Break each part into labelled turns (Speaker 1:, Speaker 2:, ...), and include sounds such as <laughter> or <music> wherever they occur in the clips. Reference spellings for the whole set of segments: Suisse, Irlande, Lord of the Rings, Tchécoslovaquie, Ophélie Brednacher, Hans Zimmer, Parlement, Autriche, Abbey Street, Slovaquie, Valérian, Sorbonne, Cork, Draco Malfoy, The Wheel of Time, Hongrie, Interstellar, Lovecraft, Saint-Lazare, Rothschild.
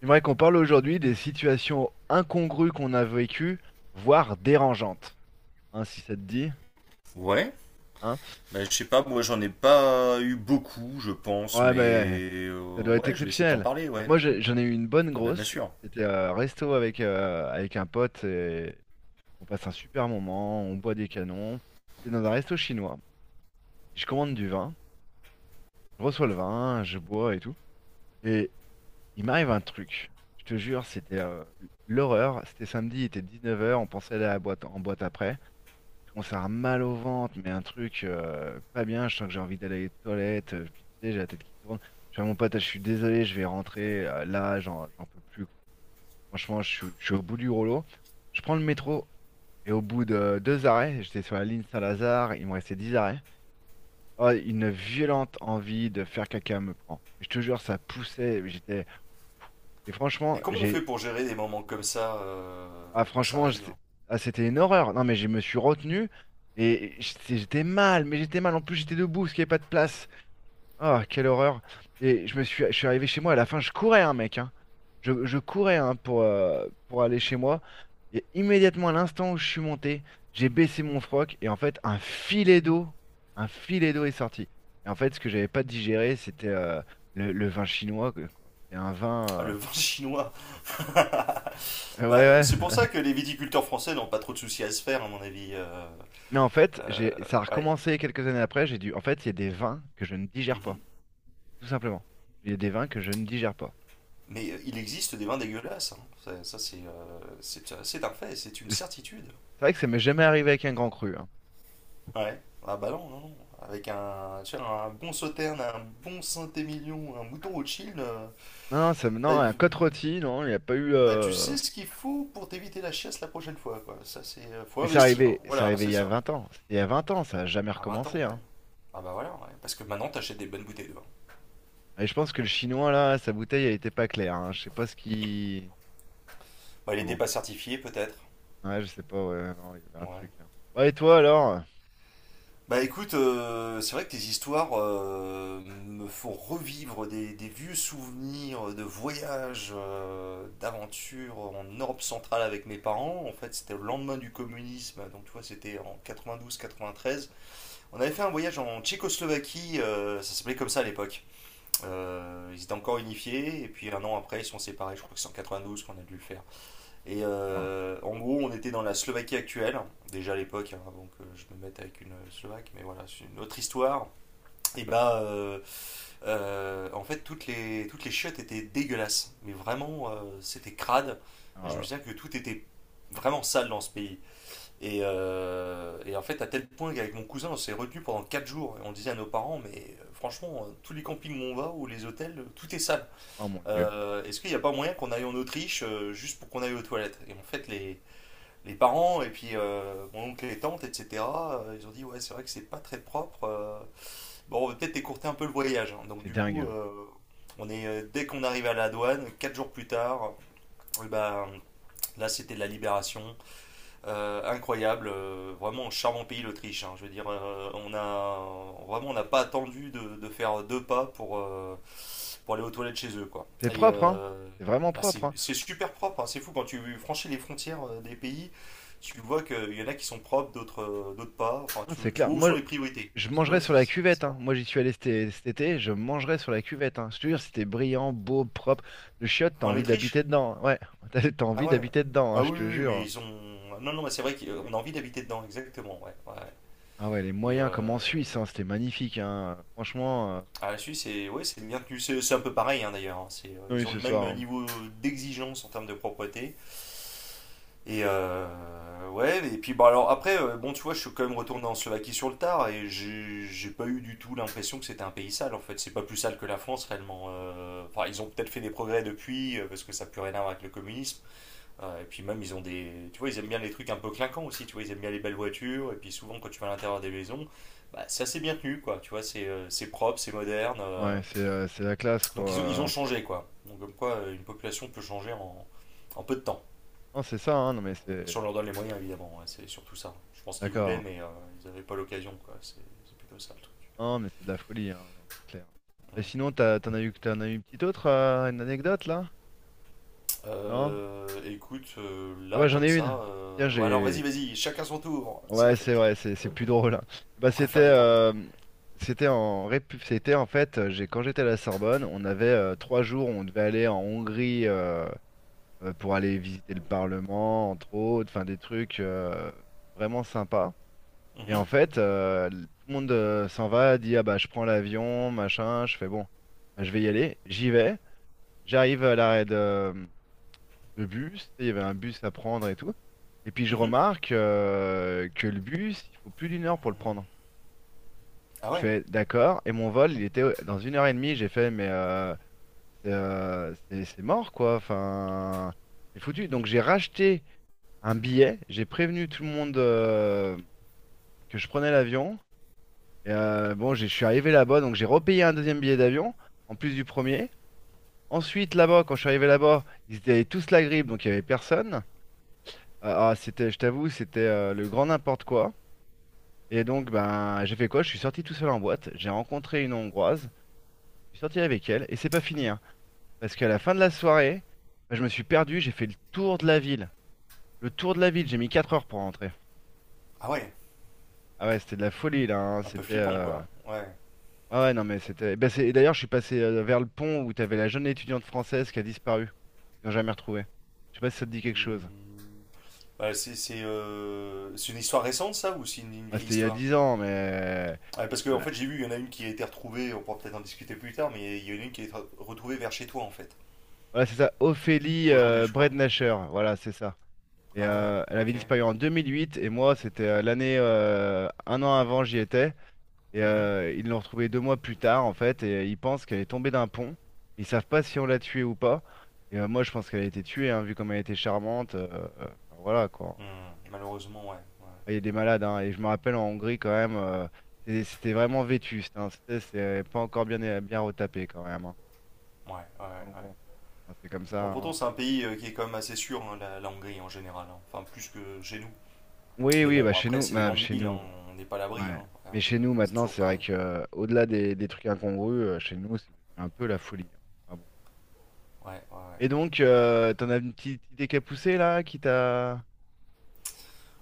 Speaker 1: J'aimerais qu'on parle aujourd'hui des situations incongrues qu'on a vécues, voire dérangeantes. Hein, si ça te dit,
Speaker 2: Ouais,
Speaker 1: hein?
Speaker 2: bah, je sais pas, moi j'en ai pas eu beaucoup, je pense,
Speaker 1: Ouais, mais
Speaker 2: mais
Speaker 1: ça doit être
Speaker 2: ouais, je vais essayer de t'en
Speaker 1: exceptionnel.
Speaker 2: parler, ouais.
Speaker 1: Moi, j'en ai eu une bonne
Speaker 2: Ah bah bien
Speaker 1: grosse.
Speaker 2: sûr.
Speaker 1: C'était resto avec un pote et on passe un super moment, on boit des canons. C'était dans un resto chinois. Je commande du vin, je reçois le vin, je bois et tout. Et il m'arrive un truc. Je te jure, c'était l'horreur. C'était samedi, il était 19 heures. On pensait aller à la boîte, en boîte après. Commence à avoir mal au ventre, mais un truc pas bien, je sens que j'ai envie d'aller aux toilettes, puis tu sais, j'ai la tête qui tourne. Je fais à mon pote, ah, je suis désolé, je vais rentrer, là, j'en peux plus, quoi. Franchement, je suis au bout du rouleau. Je prends le métro, et au bout de deux arrêts, j'étais sur la ligne Saint-Lazare, il me restait 10 arrêts. Oh, une violente envie de faire caca me prend. Je te jure, ça poussait, j'étais. Et franchement,
Speaker 2: Et comment on fait
Speaker 1: j'ai
Speaker 2: pour gérer des moments comme ça
Speaker 1: ah,
Speaker 2: quand ça arrive, hein?
Speaker 1: ah, c'était une horreur. Non, mais je me suis retenu et j'étais mal, mais j'étais mal. En plus, j'étais debout parce qu'il n'y avait pas de place. Ah, quelle horreur. Et je suis arrivé chez moi. À la fin, je courais, hein, mec, hein. Je courais hein, pour aller chez moi. Et immédiatement, à l'instant où je suis monté, j'ai baissé mon froc et en fait, un filet d'eau est sorti. Et en fait, ce que j'avais pas digéré, c'était le vin chinois, quoi. C'était un
Speaker 2: Ah, le
Speaker 1: vin.
Speaker 2: vin <laughs> chinois.
Speaker 1: Ouais,
Speaker 2: Bah, c'est pour
Speaker 1: ouais.
Speaker 2: ça que
Speaker 1: <laughs>
Speaker 2: les viticulteurs français n'ont pas trop de soucis à se faire, à mon avis. euh,
Speaker 1: Mais en fait,
Speaker 2: euh,
Speaker 1: ça a
Speaker 2: ouais.
Speaker 1: recommencé quelques années après. En fait, il y a des vins que je ne digère pas,
Speaker 2: Mhm.
Speaker 1: tout simplement. Il y a des vins que je ne digère pas.
Speaker 2: Mais il existe des vins dégueulasses, hein. Ça, c'est c'est un fait, c'est une
Speaker 1: Et C'est
Speaker 2: certitude.
Speaker 1: c'est vrai que ça m'est jamais arrivé avec un grand cru, hein.
Speaker 2: Ouais. Ah bah non, non, non. Avec un, tu vois, un bon sauterne, un bon Saint-Émilion, un mouton Rothschild,
Speaker 1: Non, ça,
Speaker 2: là,
Speaker 1: non,
Speaker 2: euh,
Speaker 1: un côte rôti, non, il n'y a pas eu.
Speaker 2: bah tu sais ce qu'il faut pour t'éviter la chiasse la prochaine fois, quoi. Ça c'est, faut
Speaker 1: Mais
Speaker 2: investir, hein.
Speaker 1: c'est
Speaker 2: Voilà,
Speaker 1: arrivé il
Speaker 2: c'est
Speaker 1: y a
Speaker 2: ça.
Speaker 1: 20 ans. C'était Il y a 20 ans, ça n'a jamais
Speaker 2: À 20 ans,
Speaker 1: recommencé,
Speaker 2: ouais.
Speaker 1: hein.
Speaker 2: Ah bah voilà, ouais. Parce que maintenant t'achètes des bonnes bouteilles de vin.
Speaker 1: Et je pense que le chinois là, sa bouteille, elle était pas claire, hein. Je sais pas ce qui.
Speaker 2: Bah il
Speaker 1: Ah
Speaker 2: était
Speaker 1: bon,
Speaker 2: pas certifié, peut-être.
Speaker 1: ouais, je sais pas. Ouais, non, il y avait un
Speaker 2: Ouais.
Speaker 1: truc, hein. Bah, et toi alors?
Speaker 2: Bah écoute, c'est vrai que tes histoires me font revivre des vieux souvenirs de voyages, d'aventures en Europe centrale avec mes parents. En fait, c'était le lendemain du communisme, donc tu vois, c'était en 92-93. On avait fait un voyage en Tchécoslovaquie, ça s'appelait comme ça à l'époque. Ils étaient encore unifiés, et puis un an après, ils se sont séparés, je crois que c'est en 92 qu'on a dû le faire. Et
Speaker 1: Ah,
Speaker 2: euh, en gros, on était dans la Slovaquie actuelle, déjà à l'époque, hein, avant que je me mette avec une Slovaque, mais voilà, c'est une autre histoire. Et bah, en fait, toutes les chiottes étaient dégueulasses, mais vraiment, c'était crade.
Speaker 1: oh,
Speaker 2: Et
Speaker 1: là
Speaker 2: je me
Speaker 1: là.
Speaker 2: souviens que tout était vraiment sale dans ce pays. Et en fait, à tel point qu'avec mon cousin, on s'est retenu pendant 4 jours. Et on disait à nos parents, mais franchement, tous les campings où on va, ou les hôtels, tout est sale.
Speaker 1: Oh mon Dieu,
Speaker 2: Est-ce qu'il n'y a pas moyen qu'on aille en Autriche juste pour qu'on aille aux toilettes? Et en fait, les parents et puis mon oncle et tante, etc. Ils ont dit ouais c'est vrai que c'est pas très propre. Bon on va peut-être écourter un peu le voyage, hein. Donc
Speaker 1: c'est
Speaker 2: du
Speaker 1: dingue,
Speaker 2: coup
Speaker 1: hein.
Speaker 2: on est dès qu'on arrive à la douane, 4 jours plus tard, eh ben, là c'était de la libération. Incroyable, vraiment charmant pays l'Autriche, hein. Je veux dire, on a vraiment on n'a pas attendu de faire deux pas pour aller aux toilettes chez eux, quoi.
Speaker 1: C'est propre, hein. C'est vraiment
Speaker 2: C'est
Speaker 1: propre, hein.
Speaker 2: c'est super propre, hein. C'est fou quand tu franchis les frontières des pays, tu vois qu'il y en a qui sont propres, d'autres d'autres pas. Enfin,
Speaker 1: Non,
Speaker 2: tu,
Speaker 1: c'est
Speaker 2: tu
Speaker 1: clair.
Speaker 2: vois où sont
Speaker 1: Moi,
Speaker 2: les priorités.
Speaker 1: je
Speaker 2: Tu
Speaker 1: mangerai
Speaker 2: vois,
Speaker 1: sur
Speaker 2: c'est
Speaker 1: la cuvette,
Speaker 2: c'est
Speaker 1: hein.
Speaker 2: marrant.
Speaker 1: Moi, j'y suis allé cet été, je mangerai sur la cuvette, hein. Je te jure, c'était brillant, beau, propre. Le chiotte, t'as
Speaker 2: En
Speaker 1: envie
Speaker 2: Autriche?
Speaker 1: d'habiter dedans, hein. Ouais, <laughs> t'as
Speaker 2: Ah
Speaker 1: envie
Speaker 2: ouais.
Speaker 1: d'habiter dedans, hein,
Speaker 2: Ah
Speaker 1: je
Speaker 2: oui,
Speaker 1: te
Speaker 2: oui, oui,
Speaker 1: jure,
Speaker 2: mais
Speaker 1: hein.
Speaker 2: ils ont. Non, non, mais c'est vrai qu'on a envie d'habiter dedans, exactement. Ouais, ouais.
Speaker 1: Ah ouais, les
Speaker 2: Et
Speaker 1: moyens, comme
Speaker 2: euh,
Speaker 1: en Suisse, hein, c'était magnifique, hein. Franchement,
Speaker 2: La Suisse, c'est ouais, c'est bien tenu. C'est un peu pareil hein, d'ailleurs, hein. C'est,
Speaker 1: oui,
Speaker 2: ils ont
Speaker 1: c'est
Speaker 2: le
Speaker 1: ça,
Speaker 2: même
Speaker 1: hein.
Speaker 2: niveau d'exigence en termes de propreté. Et ouais, et puis bah alors après, bon, tu vois, je suis quand même retourné en Slovaquie sur le tard et j'ai pas eu du tout l'impression que c'était un pays sale en fait. C'est pas plus sale que la France réellement. Enfin, ils ont peut-être fait des progrès depuis parce que ça n'a plus rien à voir avec le communisme. Et puis même, ils ont des. Tu vois, ils aiment bien les trucs un peu clinquants aussi. Tu vois, ils aiment bien les belles voitures. Et puis souvent, quand tu vas à l'intérieur des maisons, bah, c'est assez bien tenu quoi. Tu vois, c'est propre, c'est moderne. euh,
Speaker 1: Ouais, c'est la classe,
Speaker 2: donc ils ont
Speaker 1: quoi.
Speaker 2: changé quoi. Donc comme quoi une population peut changer en peu de temps.
Speaker 1: Non, c'est ça, hein. Non, mais
Speaker 2: Si on
Speaker 1: c'est.
Speaker 2: leur donne les moyens évidemment, ouais, c'est surtout ça. Je pense qu'ils voulaient
Speaker 1: D'accord.
Speaker 2: mais ils n'avaient pas l'occasion quoi. C'est plutôt ça le truc.
Speaker 1: Non, mais c'est de la folie, hein. Non, c'est clair. Et
Speaker 2: Hum.
Speaker 1: sinon, t'en as eu une petite autre, une anecdote, là? Non?
Speaker 2: Écoute,
Speaker 1: Ah
Speaker 2: là
Speaker 1: bah, j'en
Speaker 2: comme
Speaker 1: ai
Speaker 2: ça,
Speaker 1: une. Tiens,
Speaker 2: ouais, alors vas-y
Speaker 1: j'ai.
Speaker 2: vas-y, chacun son tour, c'est la
Speaker 1: Ouais, c'est
Speaker 2: fête.
Speaker 1: vrai, c'est plus drôle, hein. Bah,
Speaker 2: On va faire les tournées.
Speaker 1: c'était c'était en fait, j'ai quand j'étais à la Sorbonne, on avait 3 jours, où on devait aller en Hongrie pour aller visiter le Parlement, entre autres, enfin des trucs vraiment sympas. Et
Speaker 2: Mhm,
Speaker 1: en fait, tout le monde s'en va, dit ah bah je prends l'avion, machin, je fais bon, bah, je vais y aller, j'y vais, j'arrive à l'arrêt le bus, tu sais, il y avait un bus à prendre et tout. Et puis je
Speaker 2: mhm.
Speaker 1: remarque que le bus, il faut plus d'une heure pour le prendre.
Speaker 2: Ah
Speaker 1: Je
Speaker 2: ouais,
Speaker 1: fais d'accord, et mon vol, il était dans une heure et demie. J'ai fait, mais c'est mort quoi, enfin, c'est foutu. Donc j'ai racheté un billet, j'ai prévenu tout le monde que je prenais l'avion. Et, bon, je suis arrivé là-bas, donc j'ai repayé un deuxième billet d'avion, en plus du premier. Ensuite, là-bas, quand je suis arrivé là-bas, ils étaient tous la grippe, donc il n'y avait personne. Ah, ah, c'était, je t'avoue, c'était le grand n'importe quoi. Et donc, ben, j'ai fait quoi? Je suis sorti tout seul en boîte. J'ai rencontré une Hongroise. Je suis sorti avec elle. Et c'est pas fini, hein. Parce qu'à la fin de la soirée, ben, je me suis perdu. J'ai fait le tour de la ville. Le tour de la ville. J'ai mis 4 heures pour rentrer.
Speaker 2: ah ouais,
Speaker 1: Ah ouais, c'était de la folie, là, hein.
Speaker 2: un peu
Speaker 1: C'était.
Speaker 2: flippant quoi. Ouais.
Speaker 1: Ah ouais, non, mais c'était. Ben, et d'ailleurs, je suis passé vers le pont où t'avais la jeune étudiante française qui a disparu. Ils n'ont jamais retrouvée. Je sais pas si ça te dit quelque chose.
Speaker 2: Hmm. Ouais, c'est une histoire récente ça ou c'est une
Speaker 1: Ah,
Speaker 2: vieille
Speaker 1: c'était il y a
Speaker 2: histoire?
Speaker 1: 10 ans, mais.
Speaker 2: Ouais, parce que en
Speaker 1: Ouais.
Speaker 2: fait, j'ai vu, il y en a une qui a été retrouvée, on pourra peut-être en discuter plus tard, mais il y en a une qui a été retrouvée vers chez toi en fait.
Speaker 1: Voilà, c'est ça. Ophélie
Speaker 2: Aujourd'hui, je crois.
Speaker 1: Brednacher. Voilà, c'est ça. Et
Speaker 2: Ah ouais,
Speaker 1: elle avait
Speaker 2: ok.
Speaker 1: disparu en 2008 et moi c'était l'année un an avant j'y étais et
Speaker 2: Mhm.
Speaker 1: ils l'ont retrouvée 2 mois plus tard en fait et ils pensent qu'elle est tombée d'un pont. Ils savent pas si on l'a tuée ou pas. Et moi je pense qu'elle a été tuée hein, vu comme elle était charmante. Enfin, voilà quoi.
Speaker 2: Hmm, malheureusement, ouais.
Speaker 1: Il y a des malades hein, et je me rappelle en Hongrie quand même c'était vraiment vétuste, hein. C'est pas encore bien bien retapé quand même, hein.
Speaker 2: Ouais, ouais, ouais.
Speaker 1: Donc
Speaker 2: Ouais.
Speaker 1: bon, enfin, c'est comme ça,
Speaker 2: Bon, pourtant,
Speaker 1: hein.
Speaker 2: c'est un pays qui est quand même assez sûr, hein, la Hongrie en général, hein. Enfin, plus que chez nous.
Speaker 1: Oui
Speaker 2: Mais
Speaker 1: oui
Speaker 2: bon,
Speaker 1: bah chez
Speaker 2: après,
Speaker 1: nous
Speaker 2: c'est les
Speaker 1: bah,
Speaker 2: grandes
Speaker 1: chez
Speaker 2: villes, hein,
Speaker 1: nous.
Speaker 2: on n'est pas à l'abri, hein.
Speaker 1: Ouais.
Speaker 2: Ouais,
Speaker 1: Mais chez nous,
Speaker 2: c'est
Speaker 1: maintenant,
Speaker 2: toujours
Speaker 1: c'est vrai
Speaker 2: pareil.
Speaker 1: que au-delà des trucs incongrus, chez nous, c'est devenu un peu la folie, hein. Ah bon.
Speaker 2: Ouais, ouais, ouais.
Speaker 1: Et donc, t'en as une petite idée qui a poussé là, qui t'a.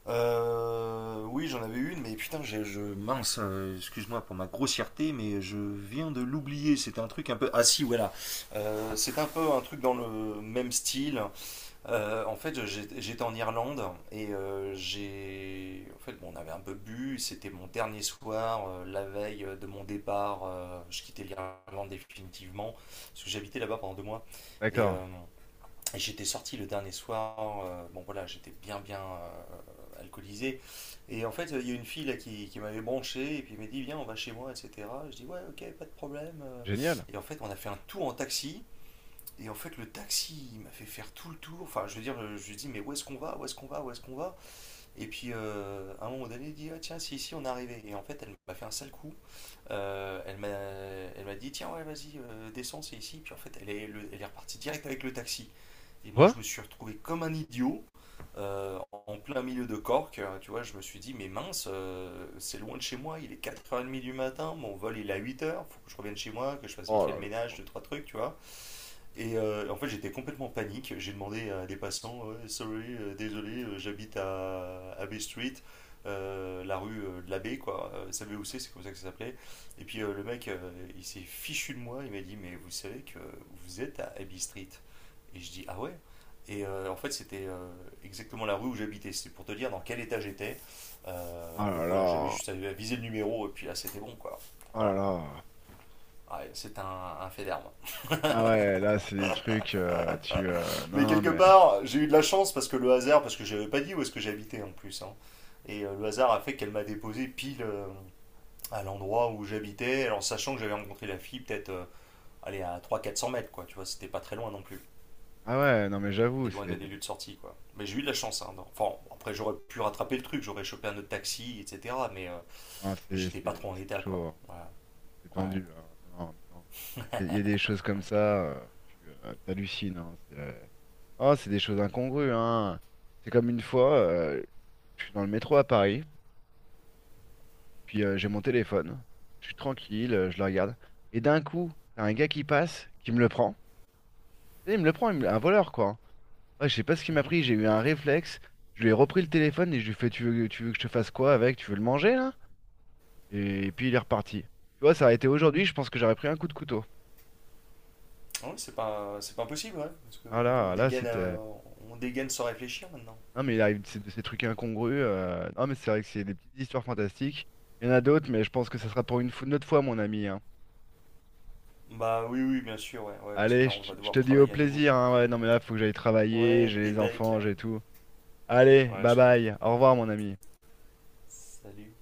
Speaker 2: Oui, j'en avais une, mais putain, mince, excuse-moi pour ma grossièreté, mais je viens de l'oublier. C'était un truc un peu. Ah si, voilà. C'est un peu un truc dans le même style. En fait, j'étais en Irlande j'ai. En fait, bon, on avait un peu bu. C'était mon dernier soir, la veille de mon départ. Je quittais l'Irlande définitivement parce que j'habitais là-bas pendant 2 mois. Et
Speaker 1: D'accord.
Speaker 2: euh, et j'étais sorti le dernier soir, bon voilà, j'étais bien bien alcoolisé. Et en fait, il y a une fille là, qui m'avait branché et puis elle m'a dit Viens, on va chez moi, etc. Je dis Ouais, ok, pas de problème.
Speaker 1: Génial.
Speaker 2: Et en fait, on a fait un tour en taxi. Et en fait, le taxi, il m'a fait faire tout le tour. Enfin, je veux dire, je lui dis Mais où est-ce qu'on va? Où est-ce qu'on va? Où est-ce qu'on va? Et puis, à un moment donné, il dit Ah, Tiens, c'est ici, on est arrivé. Et en fait, elle m'a fait un sale coup. Elle m'a dit Tiens, ouais, vas-y, descends, c'est ici. Puis en fait, elle est repartie direct avec le taxi. Et moi,
Speaker 1: Quoi?
Speaker 2: je me suis retrouvé comme un idiot en plein milieu de Cork. Tu vois, je me suis dit, mais mince, c'est loin de chez moi. Il est 4h30 du matin. Mon vol, il est à 8h. Faut que je revienne chez moi, que je fasse vite
Speaker 1: Oh
Speaker 2: fait
Speaker 1: là
Speaker 2: le
Speaker 1: là.
Speaker 2: ménage, deux, trois trucs, tu vois. Et en fait, j'étais complètement en panique. J'ai demandé à des passants, Ouais, sorry, désolé, j'habite à Abbey Street, la rue de l'abbé, quoi. Savez où c'est comme ça que ça s'appelait. Et puis le mec, il s'est fichu de moi. Il m'a dit, mais vous savez que vous êtes à Abbey Street. Et je dis, ah ouais? Et en fait, c'était exactement la rue où j'habitais. C'est pour te dire dans quel état j'étais.
Speaker 1: Oh là
Speaker 2: Donc voilà, j'avais
Speaker 1: là.
Speaker 2: juste à viser le numéro et puis là, c'était bon, quoi.
Speaker 1: Oh là
Speaker 2: Voilà.
Speaker 1: là.
Speaker 2: Ouais, c'est un fait d'armes.
Speaker 1: Ah
Speaker 2: <laughs>
Speaker 1: ouais, là, c'est des trucs. Tu.
Speaker 2: Mais
Speaker 1: Non,
Speaker 2: quelque
Speaker 1: mais.
Speaker 2: part, j'ai eu de la chance parce que le hasard, parce que je n'avais pas dit où est-ce que j'habitais en plus, hein. Le hasard a fait qu'elle m'a déposé pile à l'endroit où j'habitais, alors sachant que j'avais rencontré la fille peut-être allez, à 300 400 mètres, quoi. Tu vois, c'était pas très loin non plus.
Speaker 1: Ah ouais, non, mais
Speaker 2: Des
Speaker 1: j'avoue,
Speaker 2: loin des
Speaker 1: c'est.
Speaker 2: lieux de sortie, quoi. Mais j'ai eu de la chance, hein, enfin, après, j'aurais pu rattraper le truc, j'aurais chopé un autre taxi, etc. Mais euh,
Speaker 1: Non,
Speaker 2: mais j'étais pas trop en
Speaker 1: c'est
Speaker 2: état, quoi.
Speaker 1: chaud, hein.
Speaker 2: Voilà.
Speaker 1: C'est
Speaker 2: Ouais.
Speaker 1: tendu, hein. Non, non, non. Il y a des choses comme ça, tu t'hallucines, hein, c'est oh, c'est des choses incongrues, hein. C'est comme une fois, je suis dans le métro à Paris, puis j'ai mon téléphone. Je suis tranquille, je le regarde. Et d'un coup, t'as un gars qui passe, qui me le prend. Et il me le prend, un voleur, quoi. Ouais, je sais pas ce qu'il m'a
Speaker 2: Mhm.
Speaker 1: pris, j'ai eu un réflexe. Je lui ai repris le téléphone et je lui fais, tu veux que je te fasse quoi avec? Tu veux le manger, là? Et, puis il est reparti. Tu vois, ça a été aujourd'hui, je pense que j'aurais pris un coup de couteau.
Speaker 2: Ah oui, c'est pas impossible, ouais. Parce que
Speaker 1: Ah
Speaker 2: maintenant,
Speaker 1: là, là, c'était.
Speaker 2: on dégaine sans réfléchir maintenant.
Speaker 1: Non, mais il arrive de ces trucs incongrus. Non, mais c'est vrai que c'est des petites histoires fantastiques. Il y en a d'autres, mais je pense que ça sera pour une autre fois, mon ami, hein.
Speaker 2: Bah oui, oui, bien sûr, ouais, ouais, parce que
Speaker 1: Allez,
Speaker 2: là,
Speaker 1: je,
Speaker 2: on
Speaker 1: te
Speaker 2: va
Speaker 1: je te
Speaker 2: devoir
Speaker 1: dis au
Speaker 2: travailler à nouveau.
Speaker 1: plaisir, hein, ouais, non, mais là, faut que j'aille travailler,
Speaker 2: Ouais,
Speaker 1: j'ai
Speaker 2: des
Speaker 1: les
Speaker 2: becs.
Speaker 1: enfants, j'ai tout. Allez,
Speaker 2: Ouais,
Speaker 1: bye
Speaker 2: je comprends.
Speaker 1: bye. Au revoir, mon ami.
Speaker 2: Salut.